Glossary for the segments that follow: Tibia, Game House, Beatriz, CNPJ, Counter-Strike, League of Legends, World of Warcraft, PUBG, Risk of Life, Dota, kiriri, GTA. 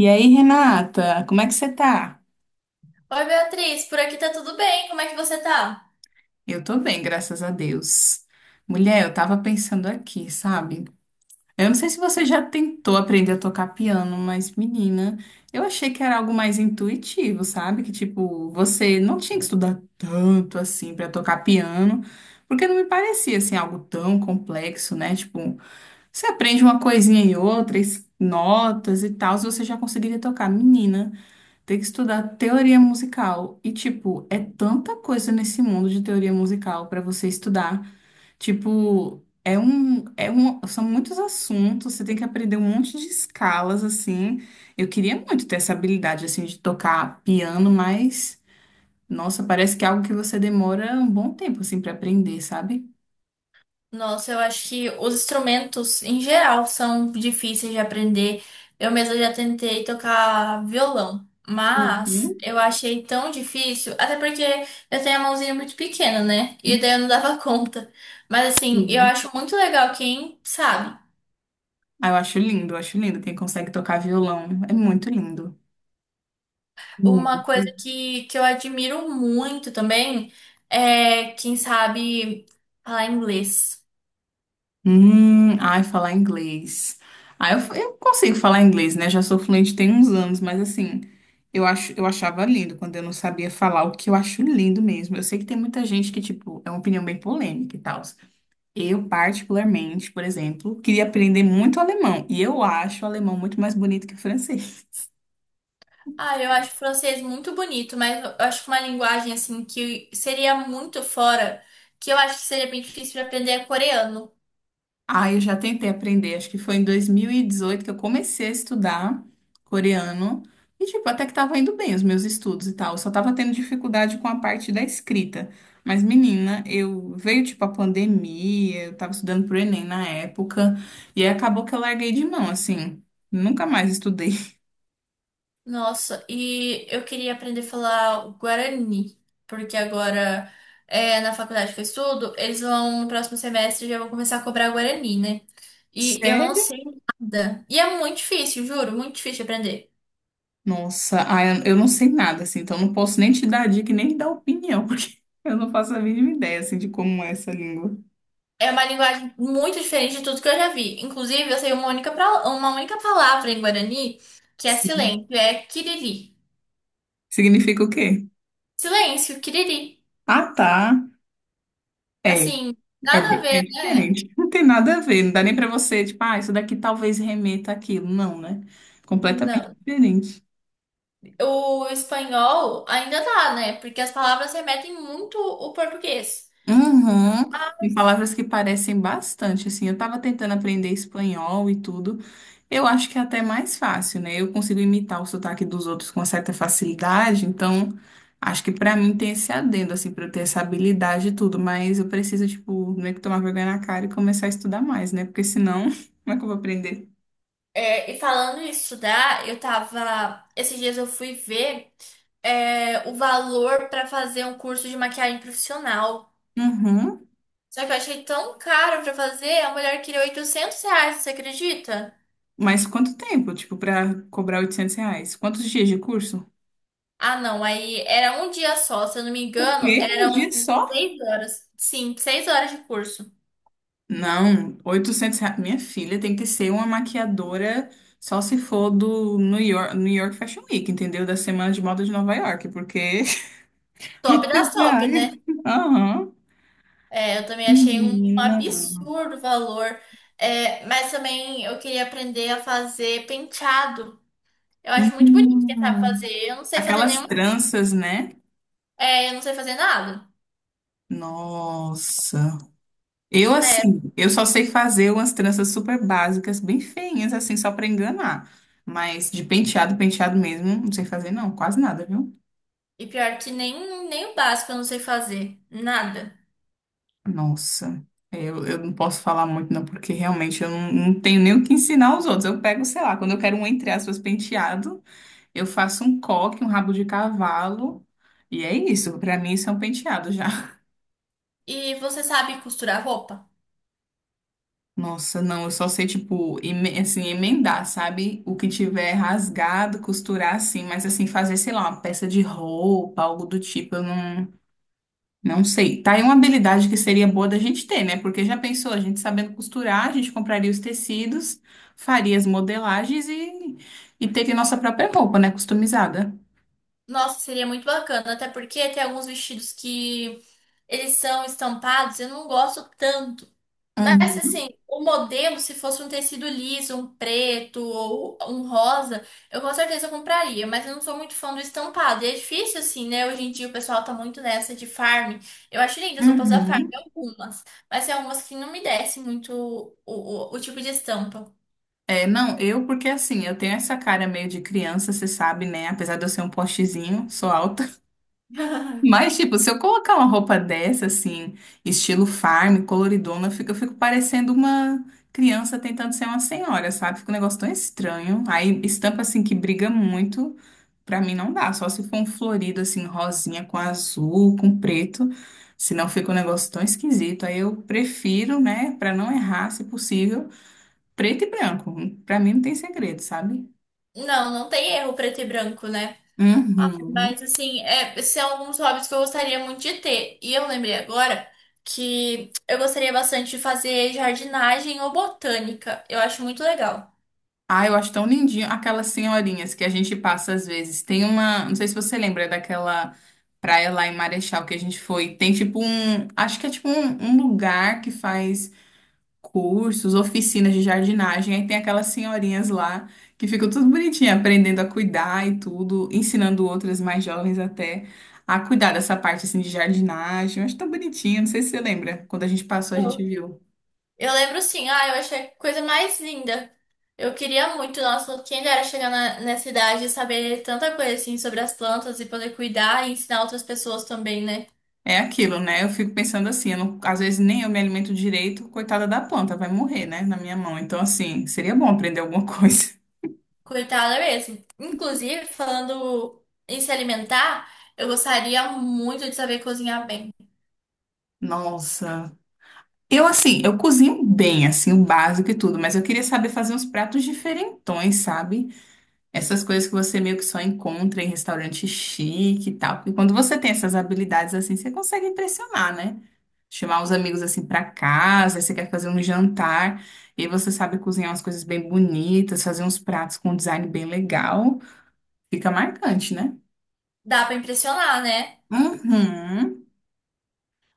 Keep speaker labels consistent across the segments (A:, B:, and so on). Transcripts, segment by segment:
A: E aí, Renata, como é que você tá?
B: Oi, Beatriz, por aqui tá tudo bem? Como é que você tá?
A: Eu tô bem, graças a Deus. Mulher, eu tava pensando aqui, sabe? Eu não sei se você já tentou aprender a tocar piano, mas menina, eu achei que era algo mais intuitivo, sabe? Que tipo, você não tinha que estudar tanto assim pra tocar piano, porque não me parecia assim algo tão complexo, né? Tipo, você aprende uma coisinha e outra, notas e tal, você já conseguiria tocar, menina. Tem que estudar teoria musical. E, tipo, é tanta coisa nesse mundo de teoria musical para você estudar. Tipo, são muitos assuntos, você tem que aprender um monte de escalas, assim. Eu queria muito ter essa habilidade, assim, de tocar piano, mas, nossa, parece que é algo que você demora um bom tempo, assim, para aprender, sabe?
B: Nossa, eu acho que os instrumentos em geral são difíceis de aprender. Eu mesma já tentei tocar violão, mas
A: Uhum.
B: eu achei tão difícil, até porque eu tenho a mãozinha muito pequena, né? E daí eu não dava conta. Mas assim, eu
A: Uhum.
B: acho muito legal quem sabe.
A: Ah, eu acho lindo quem consegue tocar violão. É muito lindo. Muito.
B: Uma coisa que eu admiro muito também é quem sabe falar inglês.
A: Ai, falar inglês. Ah, eu consigo falar inglês, né? Já sou fluente tem uns anos, mas assim, eu acho, eu achava lindo quando eu não sabia falar, o que eu acho lindo mesmo. Eu sei que tem muita gente que, tipo, é uma opinião bem polêmica e tal. Eu, particularmente, por exemplo, queria aprender muito alemão, e eu acho o alemão muito mais bonito que o francês.
B: Ah, eu acho o francês muito bonito, mas eu acho uma linguagem assim que seria muito fora, que eu acho que seria bem difícil de aprender é coreano.
A: Ah, eu já tentei aprender, acho que foi em 2018 que eu comecei a estudar coreano. E, tipo, até que tava indo bem os meus estudos e tal. Eu só tava tendo dificuldade com a parte da escrita. Mas, menina, eu veio, tipo, a pandemia, eu tava estudando pro Enem na época. E aí acabou que eu larguei de mão, assim. Nunca mais estudei.
B: Nossa, e eu queria aprender a falar o guarani, porque agora é, na faculdade que eu estudo, eles vão no próximo semestre já vão começar a cobrar guarani, né? E eu não
A: Sério?
B: sei nada. E é muito difícil, juro, muito difícil de aprender.
A: Nossa, ah, eu não sei nada, assim, então não posso nem te dar dica e nem te dar opinião, porque eu não faço a mínima ideia, assim, de como é essa língua.
B: É uma linguagem muito diferente de tudo que eu já vi. Inclusive, eu sei uma única, uma única palavra em Guarani que é silêncio, é kiriri.
A: Significa o quê?
B: Silêncio, kiriri.
A: Ah, tá. É,
B: Assim, nada a
A: é
B: ver, né?
A: diferente. Não tem nada a ver. Não dá nem para você, tipo, ah, isso daqui talvez remeta àquilo. Não, né? Completamente
B: Não.
A: diferente.
B: O espanhol ainda dá, né? Porque as palavras remetem muito o português.
A: Uhum. Tem palavras que parecem bastante, assim. Eu tava tentando aprender espanhol e tudo. Eu acho que é até mais fácil, né? Eu consigo imitar o sotaque dos outros com certa facilidade, então acho que pra mim tem esse adendo, assim, pra eu ter essa habilidade e tudo, mas eu preciso, tipo, meio que tomar vergonha na cara e começar a estudar mais, né? Porque senão, como é que eu vou aprender?
B: É, e falando em estudar, eu tava. Esses dias eu fui ver, é, o valor para fazer um curso de maquiagem profissional.
A: Uhum.
B: Só que eu achei tão caro pra fazer, a mulher queria R$ 800, você acredita?
A: Mas quanto tempo, tipo, pra cobrar R$ 800? Quantos dias de curso?
B: Ah, não, aí era um dia só, se eu não me
A: O
B: engano,
A: quê? Um
B: eram
A: dia só?
B: 6 horas. Sim, 6 horas de curso.
A: Não, R$ 800. Minha filha tem que ser uma maquiadora só se for do New York, New York Fashion Week, entendeu? Da Semana de Moda de Nova York, porque...
B: Top das
A: oitocentos
B: top, né?
A: reais. Aham.
B: É, eu também achei um
A: Menina.
B: absurdo o valor. É, mas também eu queria aprender a fazer penteado. Eu acho muito bonito quem sabe
A: Hum.
B: fazer. Eu não sei fazer
A: Aquelas
B: nenhum.
A: tranças, né?
B: É, eu não sei fazer nada.
A: Nossa. Eu,
B: É,
A: assim, eu só sei fazer umas tranças super básicas, bem feinhas, assim, só pra enganar. Mas de penteado, penteado mesmo, não sei fazer, não, quase nada, viu?
B: e pior que nem o básico eu não sei fazer. Nada.
A: Nossa, é, eu não posso falar muito, não, porque realmente eu não tenho nem o que ensinar aos outros. Eu pego, sei lá, quando eu quero um, entre aspas, penteado, eu faço um coque, um rabo de cavalo, e é isso. Pra mim, isso é um penteado já.
B: E você sabe costurar roupa?
A: Nossa, não, eu só sei, tipo, assim, emendar, sabe? O que tiver rasgado, costurar assim, mas assim, fazer, sei lá, uma peça de roupa, algo do tipo, eu não, não sei. Tá aí uma habilidade que seria boa da gente ter, né? Porque já pensou, a gente sabendo costurar, a gente compraria os tecidos, faria as modelagens e teria nossa própria roupa, né? Customizada.
B: Nossa, seria muito bacana, até porque tem alguns vestidos que eles são estampados, eu não gosto tanto. Mas
A: Uhum.
B: assim, o modelo, se fosse um tecido liso, um preto ou um rosa, eu com certeza compraria, mas eu não sou muito fã do estampado. E é difícil assim, né? Hoje em dia o pessoal tá muito nessa de farm. Eu acho lindas as roupas da farm,
A: Uhum.
B: algumas, mas tem algumas que não me descem muito o tipo de estampa.
A: É, não, eu, porque assim, eu tenho essa cara meio de criança, você sabe, né? Apesar de eu ser um postezinho, sou alta. Mas, tipo, se eu colocar uma roupa dessa, assim, estilo farm, coloridona, eu fico parecendo uma criança tentando ser uma senhora, sabe? Fica um negócio tão estranho. Aí, estampa, assim, que briga muito, pra mim não dá. Só se for um florido, assim, rosinha com azul, com preto. Senão fica um negócio tão esquisito. Aí eu prefiro, né, pra não errar, se possível, preto e branco. Pra mim não tem segredo, sabe?
B: Não, não tem erro preto e branco, né?
A: Uhum.
B: Mas assim, é, são alguns hobbies que eu gostaria muito de ter. E eu lembrei agora que eu gostaria bastante de fazer jardinagem ou botânica. Eu acho muito legal.
A: Ah, eu acho tão lindinho aquelas senhorinhas que a gente passa às vezes. Tem uma, não sei se você lembra daquela praia lá em Marechal que a gente foi. Tem tipo um, acho que é tipo um, um lugar que faz cursos, oficinas de jardinagem. Aí tem aquelas senhorinhas lá que ficam tudo bonitinha, aprendendo a cuidar e tudo, ensinando outras mais jovens até a cuidar dessa parte assim de jardinagem. Eu acho tão bonitinho, não sei se você lembra. Quando a gente passou, a gente
B: Eu
A: viu.
B: eu lembro sim, ah, eu achei a coisa mais linda. Eu queria muito, nossa, quem dera chegar nessa idade e saber tanta coisa assim sobre as plantas e poder cuidar e ensinar outras pessoas também, né?
A: É aquilo, né? Eu fico pensando assim, eu não- às vezes nem eu me alimento direito, coitada da planta, vai morrer, né, na minha mão. Então, assim, seria bom aprender alguma coisa.
B: Coitada mesmo. Inclusive, falando em se alimentar, eu gostaria muito de saber cozinhar bem.
A: Nossa. Eu, assim, eu cozinho bem, assim, o básico e tudo, mas eu queria saber fazer uns pratos diferentões, sabe? Essas coisas que você meio que só encontra em restaurante chique e tal. Porque quando você tem essas habilidades assim, você consegue impressionar, né? Chamar os amigos assim pra casa, aí você quer fazer um jantar, e aí você sabe cozinhar umas coisas bem bonitas, fazer uns pratos com um design bem legal. Fica marcante, né?
B: Dá pra impressionar, né?
A: Uhum,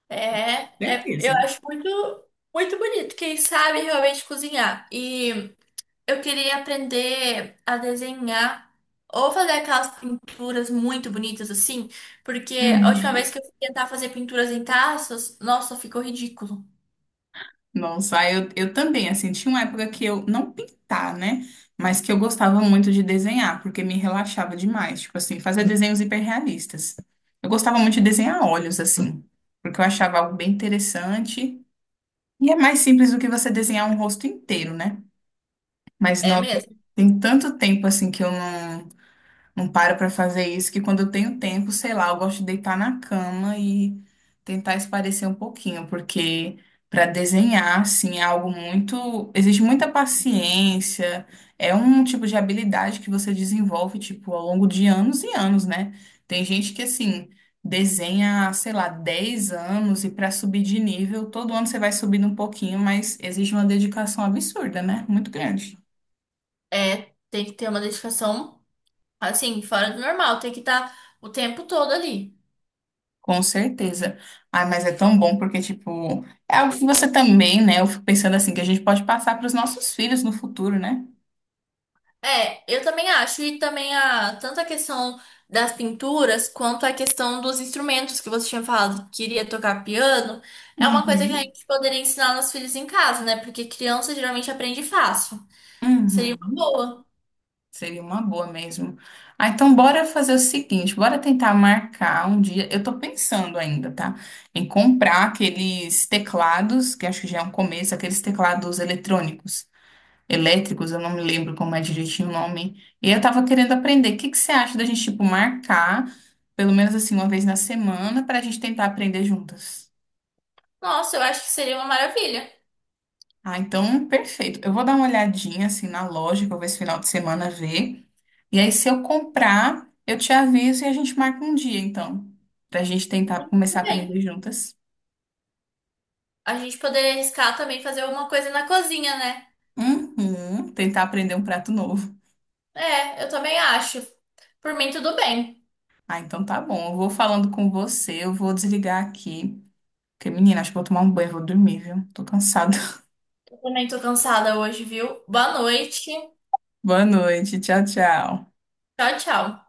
B: É, eu
A: certeza.
B: acho muito, muito bonito quem sabe realmente cozinhar. E eu queria aprender a desenhar ou fazer aquelas pinturas muito bonitas assim, porque a última
A: Uhum.
B: vez que eu fui tentar fazer pinturas em taças, nossa, ficou ridículo.
A: Nossa, aí eu também, assim, tinha uma época que eu, não pintar, né? Mas que eu gostava muito de desenhar, porque me relaxava demais. Tipo assim, fazer desenhos hiperrealistas. Eu gostava muito de desenhar olhos, assim, porque eu achava algo bem interessante. E é mais simples do que você desenhar um rosto inteiro, né? Mas,
B: É
A: nossa,
B: mesmo.
A: tem tanto tempo, assim, que eu não. Não paro pra fazer isso, que quando eu tenho tempo, sei lá, eu gosto de deitar na cama e tentar espairecer um pouquinho, porque para desenhar, assim, é algo muito. Existe muita paciência, é um tipo de habilidade que você desenvolve, tipo, ao longo de anos e anos, né? Tem gente que, assim, desenha, sei lá, 10 anos e para subir de nível, todo ano você vai subindo um pouquinho, mas exige uma dedicação absurda, né? Muito grande.
B: É, tem que ter uma dedicação assim, fora do normal, tem que estar o tempo todo ali.
A: Com certeza. Ai, mas é tão bom porque, tipo, é algo que você também, né? Eu fico pensando assim, que a gente pode passar para os nossos filhos no futuro, né?
B: É, eu também acho, e também a tanto a questão das pinturas quanto a questão dos instrumentos que você tinha falado que queria tocar piano, é uma coisa que a
A: Uhum.
B: gente poderia ensinar nossos filhos em casa, né? Porque criança geralmente aprende fácil. Seria uma
A: Uhum.
B: boa.
A: Seria uma boa mesmo. Ah, então bora fazer o seguinte, bora tentar marcar um dia. Eu tô pensando ainda, tá? Em comprar aqueles teclados, que acho que já é um começo, aqueles teclados eletrônicos. Elétricos, eu não me lembro como é direitinho o nome. E eu tava querendo aprender. O que que você acha da gente, tipo, marcar, pelo menos assim, uma vez na semana, pra gente tentar aprender juntas?
B: Nossa, eu acho que seria uma maravilha.
A: Ah, então, perfeito. Eu vou dar uma olhadinha, assim, na loja, que eu vou esse final de semana ver. E aí, se eu comprar, eu te aviso e a gente marca um dia, então, pra gente tentar começar
B: Tudo
A: a
B: bem.
A: aprender juntas.
B: A gente poderia arriscar também fazer alguma coisa na cozinha, né?
A: Uhum, tentar aprender um prato novo.
B: É, eu também acho. Por mim, tudo bem.
A: Ah, então tá bom. Eu vou falando com você, eu vou desligar aqui. Porque, menina, acho que vou tomar um banho, e vou dormir, viu? Tô cansada.
B: Eu também tô cansada hoje, viu? Boa noite.
A: Boa noite, tchau, tchau.
B: Tchau, tchau.